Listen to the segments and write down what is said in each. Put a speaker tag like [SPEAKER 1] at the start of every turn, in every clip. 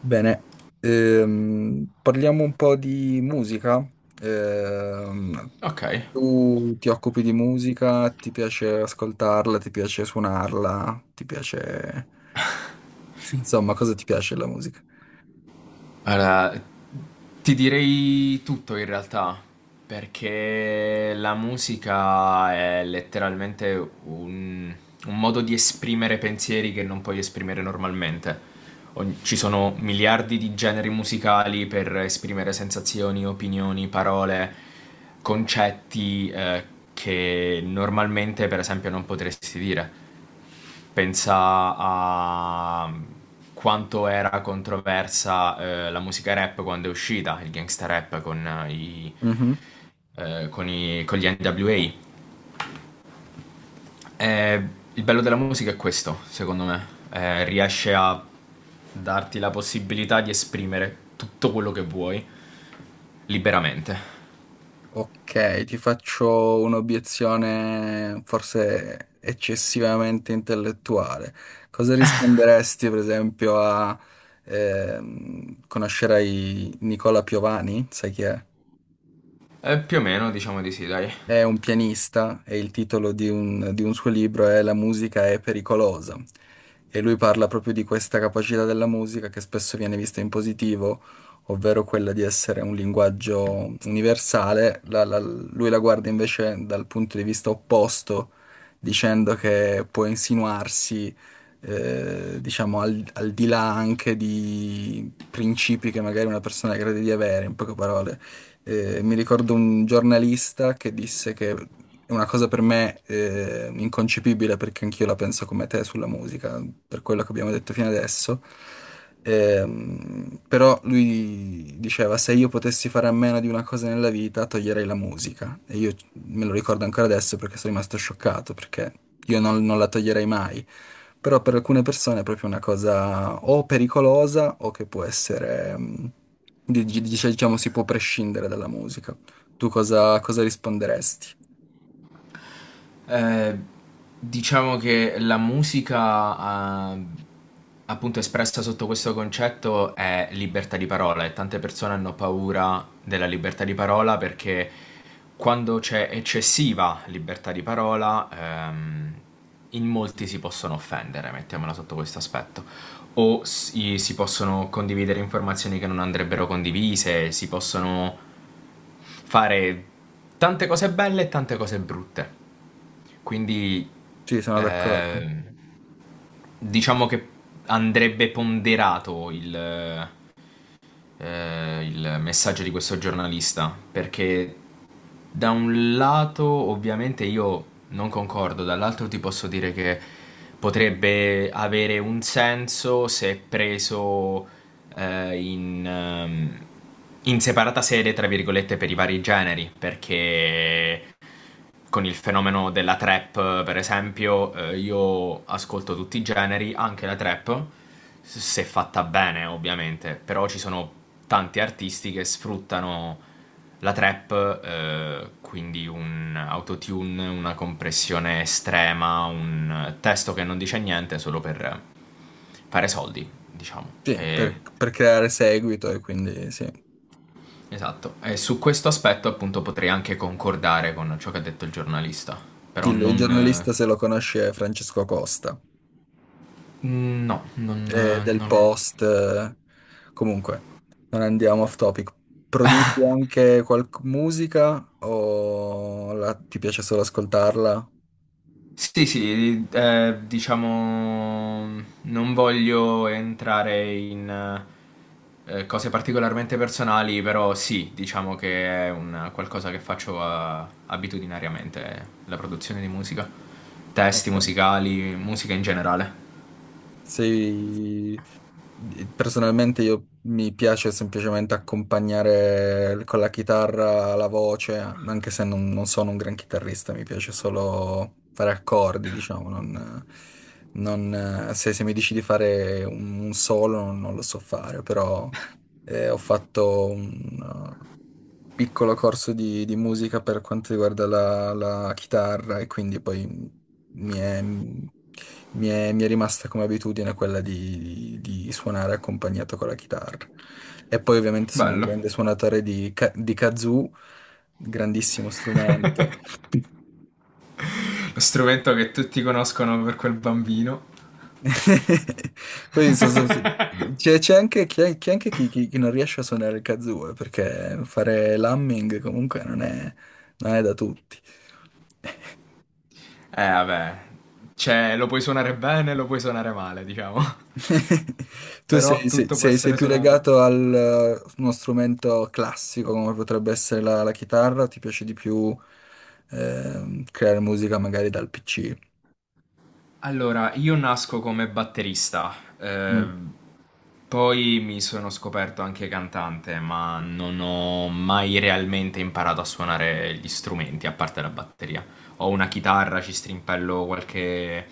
[SPEAKER 1] Bene, parliamo un po' di musica. Ehm,
[SPEAKER 2] Ok,
[SPEAKER 1] tu ti occupi di musica, ti piace ascoltarla, ti piace suonarla, ti piace... Sì. Insomma, cosa ti piace della musica?
[SPEAKER 2] allora ti direi tutto in realtà, perché la musica è letteralmente un modo di esprimere pensieri che non puoi esprimere normalmente. Ci sono miliardi di generi musicali per esprimere sensazioni, opinioni, parole, concetti che normalmente, per esempio, non potresti dire. Pensa a quanto era controversa la musica rap quando è uscita, il gangsta rap con, i-
[SPEAKER 1] Mhm.
[SPEAKER 2] con i- con gli NWA. Eh, il bello della musica è questo, secondo me. Riesce a darti la possibilità di esprimere tutto quello che vuoi liberamente.
[SPEAKER 1] Ok, ti faccio un'obiezione forse eccessivamente intellettuale. Cosa risponderesti, per esempio, a... conoscerai Nicola Piovani? Sai chi è?
[SPEAKER 2] Più o meno, diciamo di sì, dai.
[SPEAKER 1] È un pianista e il titolo di un, suo libro è La musica è pericolosa. E lui parla proprio di questa capacità della musica che spesso viene vista in positivo, ovvero quella di essere un linguaggio universale. Lui la guarda invece dal punto di vista opposto, dicendo che può insinuarsi, diciamo, al di là anche di principi che magari una persona crede di avere, in poche parole. Mi ricordo un giornalista che disse che è una cosa per me inconcepibile, perché anch'io la penso come te sulla musica, per quello che abbiamo detto fino adesso. Però lui diceva: "Se io potessi fare a meno di una cosa nella vita, toglierei la musica". E io me lo ricordo ancora adesso perché sono rimasto scioccato, perché io non la toglierei mai. Però per alcune persone è proprio una cosa o pericolosa o che può essere, diciamo, si può prescindere dalla musica. Tu cosa risponderesti?
[SPEAKER 2] Eh, diciamo che la musica, appunto espressa sotto questo concetto, è libertà di parola e tante persone hanno paura della libertà di parola perché quando c'è eccessiva libertà di parola, in molti si possono offendere, mettiamola sotto questo aspetto. O si possono condividere informazioni che non andrebbero condivise, si possono fare tante cose belle e tante cose brutte. Quindi
[SPEAKER 1] Sì, sono d'accordo.
[SPEAKER 2] eh, diciamo che andrebbe ponderato il messaggio di questo giornalista, perché da un lato ovviamente io non concordo, dall'altro ti posso dire che potrebbe avere un senso se preso eh, in, ehm, in separata sede, tra virgolette, per i vari generi, perché con il fenomeno della trap, per esempio, io ascolto tutti i generi, anche la trap, se fatta bene, ovviamente, però ci sono tanti artisti che sfruttano la trap, quindi un autotune, una compressione estrema, un testo che non dice niente solo per fare soldi, diciamo.
[SPEAKER 1] Sì, per creare seguito, e quindi sì.
[SPEAKER 2] Esatto. E su questo aspetto, appunto, potrei anche concordare con ciò che ha detto il giornalista, però
[SPEAKER 1] Il
[SPEAKER 2] non eh,
[SPEAKER 1] giornalista, se lo conosci, è Francesco Costa.
[SPEAKER 2] mm, no, non,
[SPEAKER 1] Del
[SPEAKER 2] non-
[SPEAKER 1] Post. Comunque, non andiamo off topic. Produci anche qualche musica o ti piace solo ascoltarla?
[SPEAKER 2] Sì, sì, diciamo, non voglio entrare in cose particolarmente personali, però sì, diciamo che è un qualcosa che faccio abitudinariamente, la produzione di musica, testi
[SPEAKER 1] Ok.
[SPEAKER 2] musicali, musica in generale.
[SPEAKER 1] Sei... Personalmente io mi piace semplicemente accompagnare con la chitarra la voce, anche se non sono un gran chitarrista, mi piace solo fare accordi, diciamo, non, se mi dici di fare un, solo non lo so fare, però ho fatto un uh, piccolo corso di, musica per quanto riguarda la chitarra, e quindi poi mi è, mi è rimasta come abitudine quella di suonare accompagnato con la chitarra. E poi ovviamente sono un
[SPEAKER 2] Bello.
[SPEAKER 1] grande suonatore di kazoo, grandissimo strumento.
[SPEAKER 2] Lo strumento che tutti conoscono per quel bambino.
[SPEAKER 1] Poi so- so- so- C'è anche, chi c'è anche chi, chi- chi non riesce a suonare il kazoo, perché fare l'humming comunque non è da tutti.
[SPEAKER 2] Vabbè, cioè, lo puoi suonare bene, lo puoi suonare male, diciamo.
[SPEAKER 1] Tu sei,
[SPEAKER 2] Però
[SPEAKER 1] sei-
[SPEAKER 2] tutto può
[SPEAKER 1] sei- sei
[SPEAKER 2] essere
[SPEAKER 1] più
[SPEAKER 2] suonato.
[SPEAKER 1] legato al uno strumento classico come potrebbe essere la chitarra, o ti piace di più creare musica magari dal PC?
[SPEAKER 2] Allora, io nasco come batterista,
[SPEAKER 1] Mm.
[SPEAKER 2] ehm, poi mi sono scoperto anche cantante, ma non ho mai realmente imparato a suonare gli strumenti, a parte la batteria. Ho una chitarra, ci strimpello qualche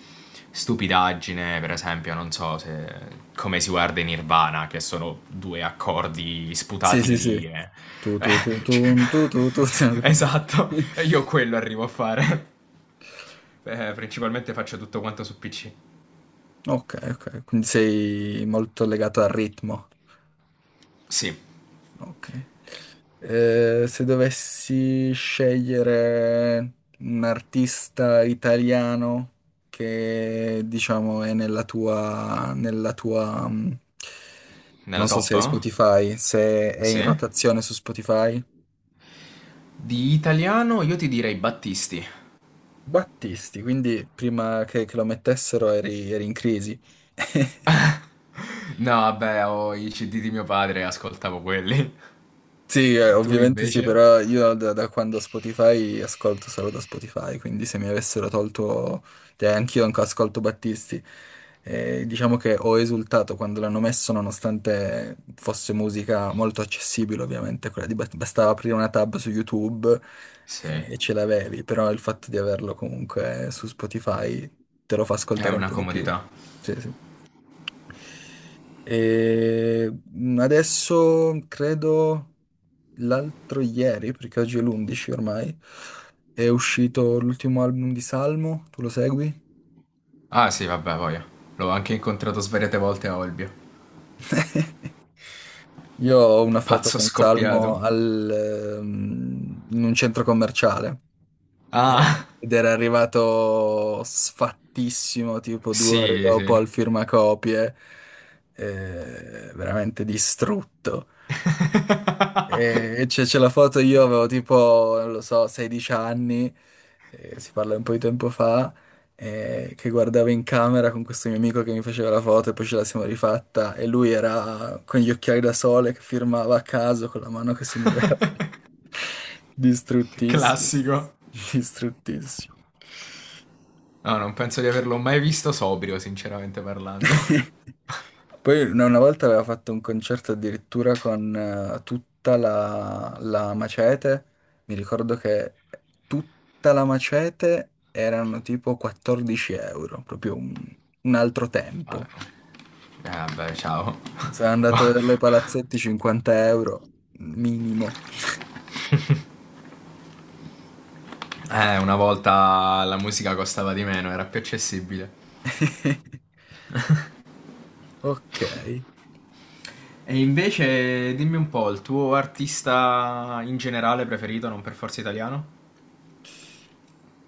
[SPEAKER 2] stupidaggine, per esempio, non so se come si guarda in Nirvana, che sono due accordi
[SPEAKER 1] Sì,
[SPEAKER 2] sputati
[SPEAKER 1] sì,
[SPEAKER 2] lì
[SPEAKER 1] sì.
[SPEAKER 2] e...
[SPEAKER 1] Tu, tu, tu, tu, tu, tu, tu.
[SPEAKER 2] Esatto, io quello arrivo a fare. Beh, principalmente faccio tutto quanto su PC.
[SPEAKER 1] Ok, ok, quindi sei molto legato al ritmo.
[SPEAKER 2] Sì,
[SPEAKER 1] Ok. Se dovessi scegliere un artista italiano che diciamo è nella tua,
[SPEAKER 2] nella
[SPEAKER 1] non so se
[SPEAKER 2] top?
[SPEAKER 1] hai Spotify, se è in
[SPEAKER 2] Sì.
[SPEAKER 1] rotazione su Spotify.
[SPEAKER 2] Di italiano io ti direi Battisti.
[SPEAKER 1] Battisti, quindi prima che lo mettessero eri in crisi.
[SPEAKER 2] No, beh, ho i CD di mio padre, ascoltavo quelli.
[SPEAKER 1] Sì,
[SPEAKER 2] Tu
[SPEAKER 1] ovviamente sì,
[SPEAKER 2] invece?
[SPEAKER 1] però io da quando Spotify ascolto solo da Spotify, quindi se mi avessero tolto, cioè anch'io anche ascolto Battisti. Diciamo che ho esultato quando l'hanno messo, nonostante fosse musica molto accessibile, ovviamente, quella di bastava aprire una tab su YouTube
[SPEAKER 2] Sì, è
[SPEAKER 1] e ce l'avevi, però il fatto di averlo comunque su Spotify te lo fa ascoltare un
[SPEAKER 2] una
[SPEAKER 1] po' di più.
[SPEAKER 2] comodità.
[SPEAKER 1] Sì, sì. E adesso credo l'altro ieri, perché oggi è l'11 ormai, è uscito l'ultimo album di Salmo, tu lo segui?
[SPEAKER 2] Ah sì, vabbè, voglio. L'ho anche incontrato svariate volte a Olbia.
[SPEAKER 1] Io ho una foto
[SPEAKER 2] Pazzo
[SPEAKER 1] con Salmo
[SPEAKER 2] scoppiato.
[SPEAKER 1] al, in un centro commerciale
[SPEAKER 2] Ah,
[SPEAKER 1] ed era arrivato sfattissimo, tipo due ore
[SPEAKER 2] sì,
[SPEAKER 1] dopo al
[SPEAKER 2] sì.
[SPEAKER 1] firmacopie, veramente distrutto. E c'è la foto, io avevo tipo, non lo so, 16 anni, si parla un po' di tempo fa, che guardavo in camera con questo mio amico che mi faceva la foto, e poi ce la siamo rifatta e lui era con gli occhiali da sole che firmava a caso con la mano che si muoveva. Distruttissimo,
[SPEAKER 2] Classico.
[SPEAKER 1] distruttissimo.
[SPEAKER 2] No, non penso di averlo mai visto sobrio, sinceramente parlando.
[SPEAKER 1] Poi una volta aveva fatto un concerto addirittura con tutta la Macete, mi ricordo che tutta la Macete erano tipo 14 euro, proprio un, altro
[SPEAKER 2] Ah,
[SPEAKER 1] tempo.
[SPEAKER 2] no. Eh vabbè, ciao.
[SPEAKER 1] Sono andato a vedere i palazzetti 50 euro minimo.
[SPEAKER 2] Una volta la musica costava di meno, era più accessibile.
[SPEAKER 1] Ok.
[SPEAKER 2] E invece dimmi un po', il tuo artista in generale preferito, non per forza italiano?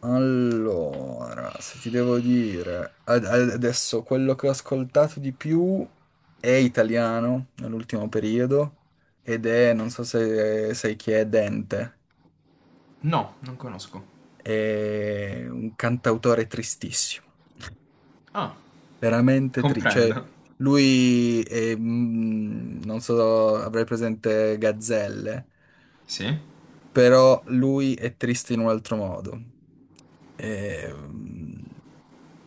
[SPEAKER 1] Allora, se ti devo dire, adesso quello che ho ascoltato di più è italiano nell'ultimo periodo, ed è, non so se sai chi è, Dente,
[SPEAKER 2] No, non conosco.
[SPEAKER 1] è un cantautore tristissimo,
[SPEAKER 2] Ah,
[SPEAKER 1] veramente triste, cioè
[SPEAKER 2] comprendo.
[SPEAKER 1] lui è, non so, avrai presente Gazzelle,
[SPEAKER 2] Sì?
[SPEAKER 1] però lui è triste in un altro modo. Ehm,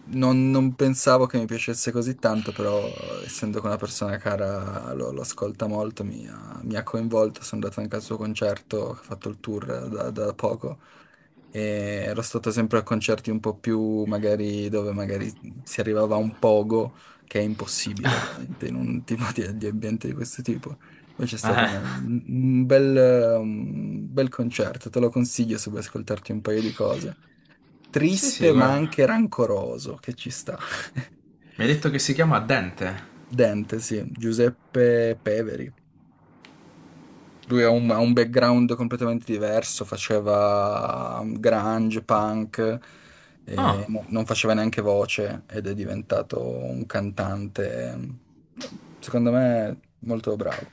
[SPEAKER 1] Non, non pensavo che mi piacesse così tanto, però essendo che una persona cara lo ascolta molto, mi ha, coinvolto, sono andato anche al suo concerto, che ha fatto il tour da poco, e ero stato sempre a concerti un po' più magari dove magari si arrivava a un pogo, che è impossibile ovviamente in un tipo di ambiente di questo tipo. Invece è stato
[SPEAKER 2] Eh,
[SPEAKER 1] un bel concerto, te lo consiglio se vuoi ascoltarti un paio di cose
[SPEAKER 2] sì, sì,
[SPEAKER 1] triste ma
[SPEAKER 2] guarda.
[SPEAKER 1] anche rancoroso, che ci sta.
[SPEAKER 2] Mi hai detto che si chiama Dente.
[SPEAKER 1] Dente, sì, Giuseppe Peveri. Lui ha un background completamente diverso, faceva grunge, punk, e
[SPEAKER 2] Ah,
[SPEAKER 1] non faceva neanche voce, ed è diventato un cantante, secondo me, molto bravo.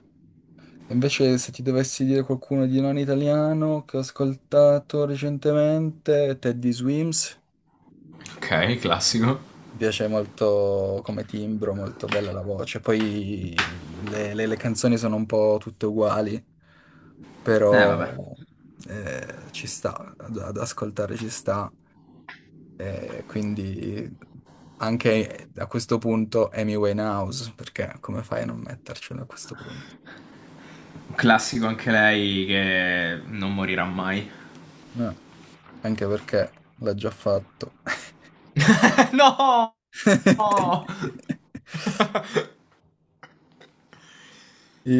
[SPEAKER 1] Invece, se ti dovessi dire qualcuno di non italiano che ho ascoltato recentemente, Teddy Swims.
[SPEAKER 2] ok, classico.
[SPEAKER 1] Mi piace molto come timbro, molto bella la voce. Poi le, le canzoni sono un po' tutte uguali,
[SPEAKER 2] Vabbè.
[SPEAKER 1] però ci sta, ad ascoltare ci sta. E quindi anche a questo punto Amy Winehouse, perché come fai a non mettercelo a questo punto?
[SPEAKER 2] Un classico anche lei che non morirà mai.
[SPEAKER 1] No, anche perché l'ha già fatto.
[SPEAKER 2] No!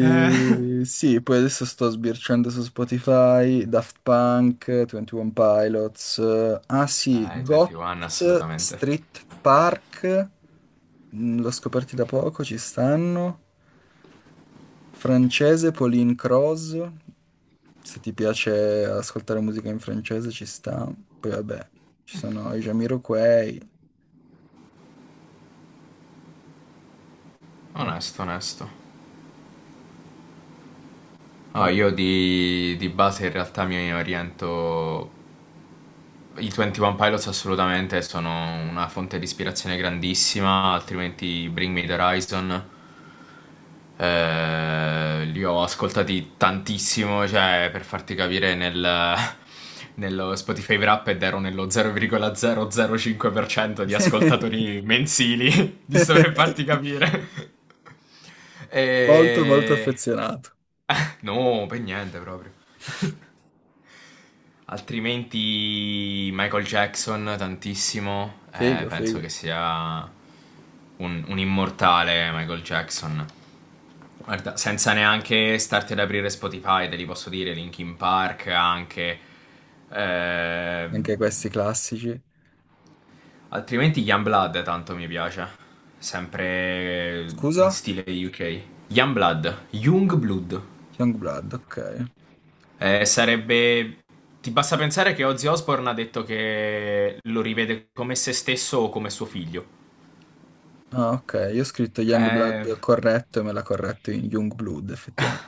[SPEAKER 2] Eh.
[SPEAKER 1] sì, poi adesso sto sbirciando su Spotify, Daft Punk, 21 Pilots, ah sì,
[SPEAKER 2] I
[SPEAKER 1] Goth,
[SPEAKER 2] 21 assolutamente.
[SPEAKER 1] Street Park, mm, l'ho scoperti da poco, ci stanno, francese, Pauline Cross, se ti piace ascoltare musica in francese ci sta, poi vabbè, ci sono i Jamiroquai. Oh,
[SPEAKER 2] Onesto, onesto. No,
[SPEAKER 1] oh.
[SPEAKER 2] io di base in realtà mi oriento. I 21 Pilots assolutamente sono una fonte di ispirazione grandissima, altrimenti Bring Me the Horizon. Li ho ascoltati tantissimo, cioè per farti capire nello Spotify Wrapped ero nello 0,005% di ascoltatori mensili, giusto per farti capire.
[SPEAKER 1] molto molto
[SPEAKER 2] E...
[SPEAKER 1] affezionato,
[SPEAKER 2] No, per niente proprio. Altrimenti Michael Jackson tantissimo,
[SPEAKER 1] figo,
[SPEAKER 2] penso
[SPEAKER 1] figo,
[SPEAKER 2] che sia un immortale Michael Jackson. Guarda, senza neanche starti ad aprire Spotify, te li posso dire, Linkin Park anche. Eh,
[SPEAKER 1] anche questi classici.
[SPEAKER 2] altrimenti Youngblood tanto mi piace, sempre in
[SPEAKER 1] Scusa?
[SPEAKER 2] stile UK. Youngblood, Youngblood.
[SPEAKER 1] Youngblood, ok.
[SPEAKER 2] Sarebbe. Ti basta pensare che Ozzy Osbourne ha detto che lo rivede come se stesso o come suo figlio.
[SPEAKER 1] Ah, ok, io ho scritto
[SPEAKER 2] Eh,
[SPEAKER 1] Youngblood corretto e me l'ha corretto in Youngblood, effettivamente.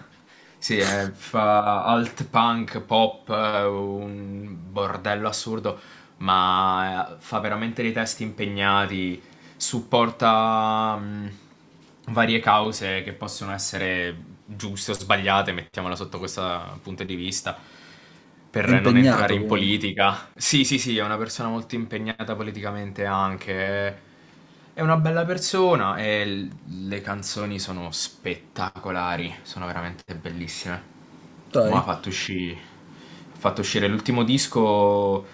[SPEAKER 2] sì, fa alt punk, pop, un bordello assurdo, ma fa veramente dei testi impegnati, supporta varie cause che possono essere giuste o sbagliate, mettiamola sotto questo punto di vista.
[SPEAKER 1] È
[SPEAKER 2] Per non entrare
[SPEAKER 1] impegnato
[SPEAKER 2] in
[SPEAKER 1] comunque.
[SPEAKER 2] politica. Sì, sì, sì, è una persona molto impegnata politicamente anche. È una bella persona e le canzoni sono spettacolari, sono veramente bellissime. Mo'
[SPEAKER 1] Dai.
[SPEAKER 2] ha fatto uscire l'ultimo disco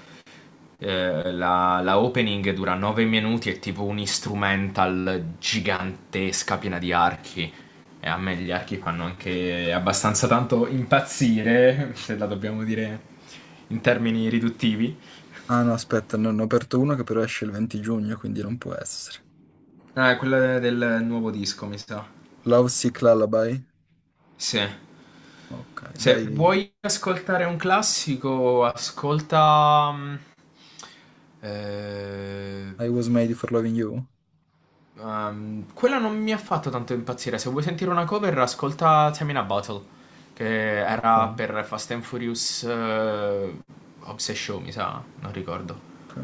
[SPEAKER 2] la opening dura 9 minuti, è tipo un instrumental gigantesca piena di archi. E a me gli archi fanno anche abbastanza tanto impazzire, se la dobbiamo dire in termini riduttivi.
[SPEAKER 1] Ah no, aspetta, ne ho aperto uno che però esce il 20 giugno, quindi non può essere.
[SPEAKER 2] Ah, quella del nuovo disco, mi sa.
[SPEAKER 1] Love Sick Lullaby?
[SPEAKER 2] Sì.
[SPEAKER 1] Ok,
[SPEAKER 2] Se
[SPEAKER 1] dai.
[SPEAKER 2] vuoi ascoltare un classico, ascolta. Eh,
[SPEAKER 1] I was made for loving you?
[SPEAKER 2] Quella non mi ha fatto tanto impazzire. Se vuoi sentire una cover, ascolta Tamina Battle, che
[SPEAKER 1] Ok,
[SPEAKER 2] era per Fast and Furious Obsession, mi sa, non ricordo.
[SPEAKER 1] ok.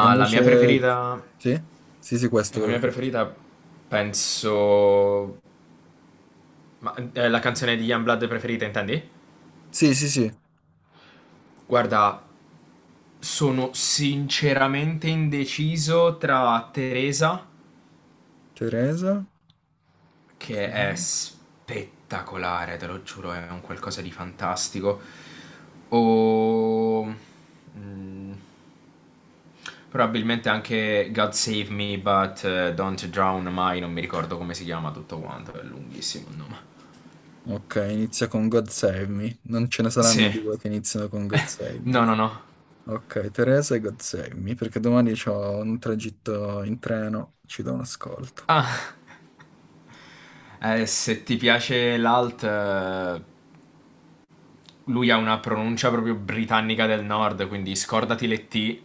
[SPEAKER 1] E
[SPEAKER 2] la mia
[SPEAKER 1] invece...
[SPEAKER 2] preferita,
[SPEAKER 1] Sì? Sì, sì, questo
[SPEAKER 2] la
[SPEAKER 1] volevo
[SPEAKER 2] mia
[SPEAKER 1] chiedere.
[SPEAKER 2] preferita penso. Ma la canzone di Youngblood preferita, intendi?
[SPEAKER 1] Sì, sì, sì.
[SPEAKER 2] Guarda, sono sinceramente indeciso tra Teresa
[SPEAKER 1] Teresa?
[SPEAKER 2] che è
[SPEAKER 1] Ok.
[SPEAKER 2] spettacolare, te lo giuro, è un qualcosa di fantastico. O mm, probabilmente anche God Save Me, but Don't Drown Mai, non mi ricordo come si chiama tutto quanto, è lunghissimo il nome.
[SPEAKER 1] Ok, inizia con God Save Me. Non ce ne
[SPEAKER 2] Sì,
[SPEAKER 1] saranno due che iniziano con God Save Me.
[SPEAKER 2] no, no, no.
[SPEAKER 1] Ok, Teresa e God Save Me, perché domani ho un tragitto in treno, ci do un ascolto.
[SPEAKER 2] Ah, se ti piace l'alt, lui ha una pronuncia proprio britannica del nord, quindi scordati le T.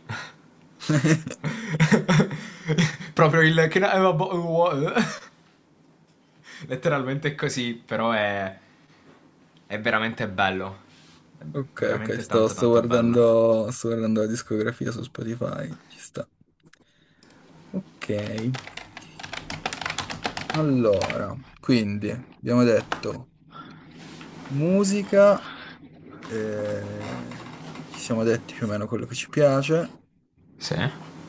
[SPEAKER 2] proprio il... Can I have a bo- Letteralmente è così, però è veramente bello. È
[SPEAKER 1] Ok, ok,
[SPEAKER 2] veramente
[SPEAKER 1] sto,
[SPEAKER 2] tanto tanto bello.
[SPEAKER 1] sto guardando la discografia su Spotify, ci sta. Ok, allora, quindi abbiamo detto musica, eh, ci siamo detti più o meno quello che ci piace,
[SPEAKER 2] Sì.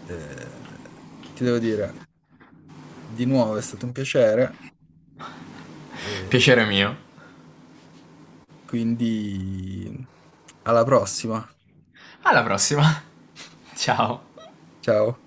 [SPEAKER 1] eh, ti devo dire, di nuovo è stato un piacere, eh,
[SPEAKER 2] Piacere mio.
[SPEAKER 1] quindi alla prossima.
[SPEAKER 2] Alla prossima. Ciao.
[SPEAKER 1] Ciao.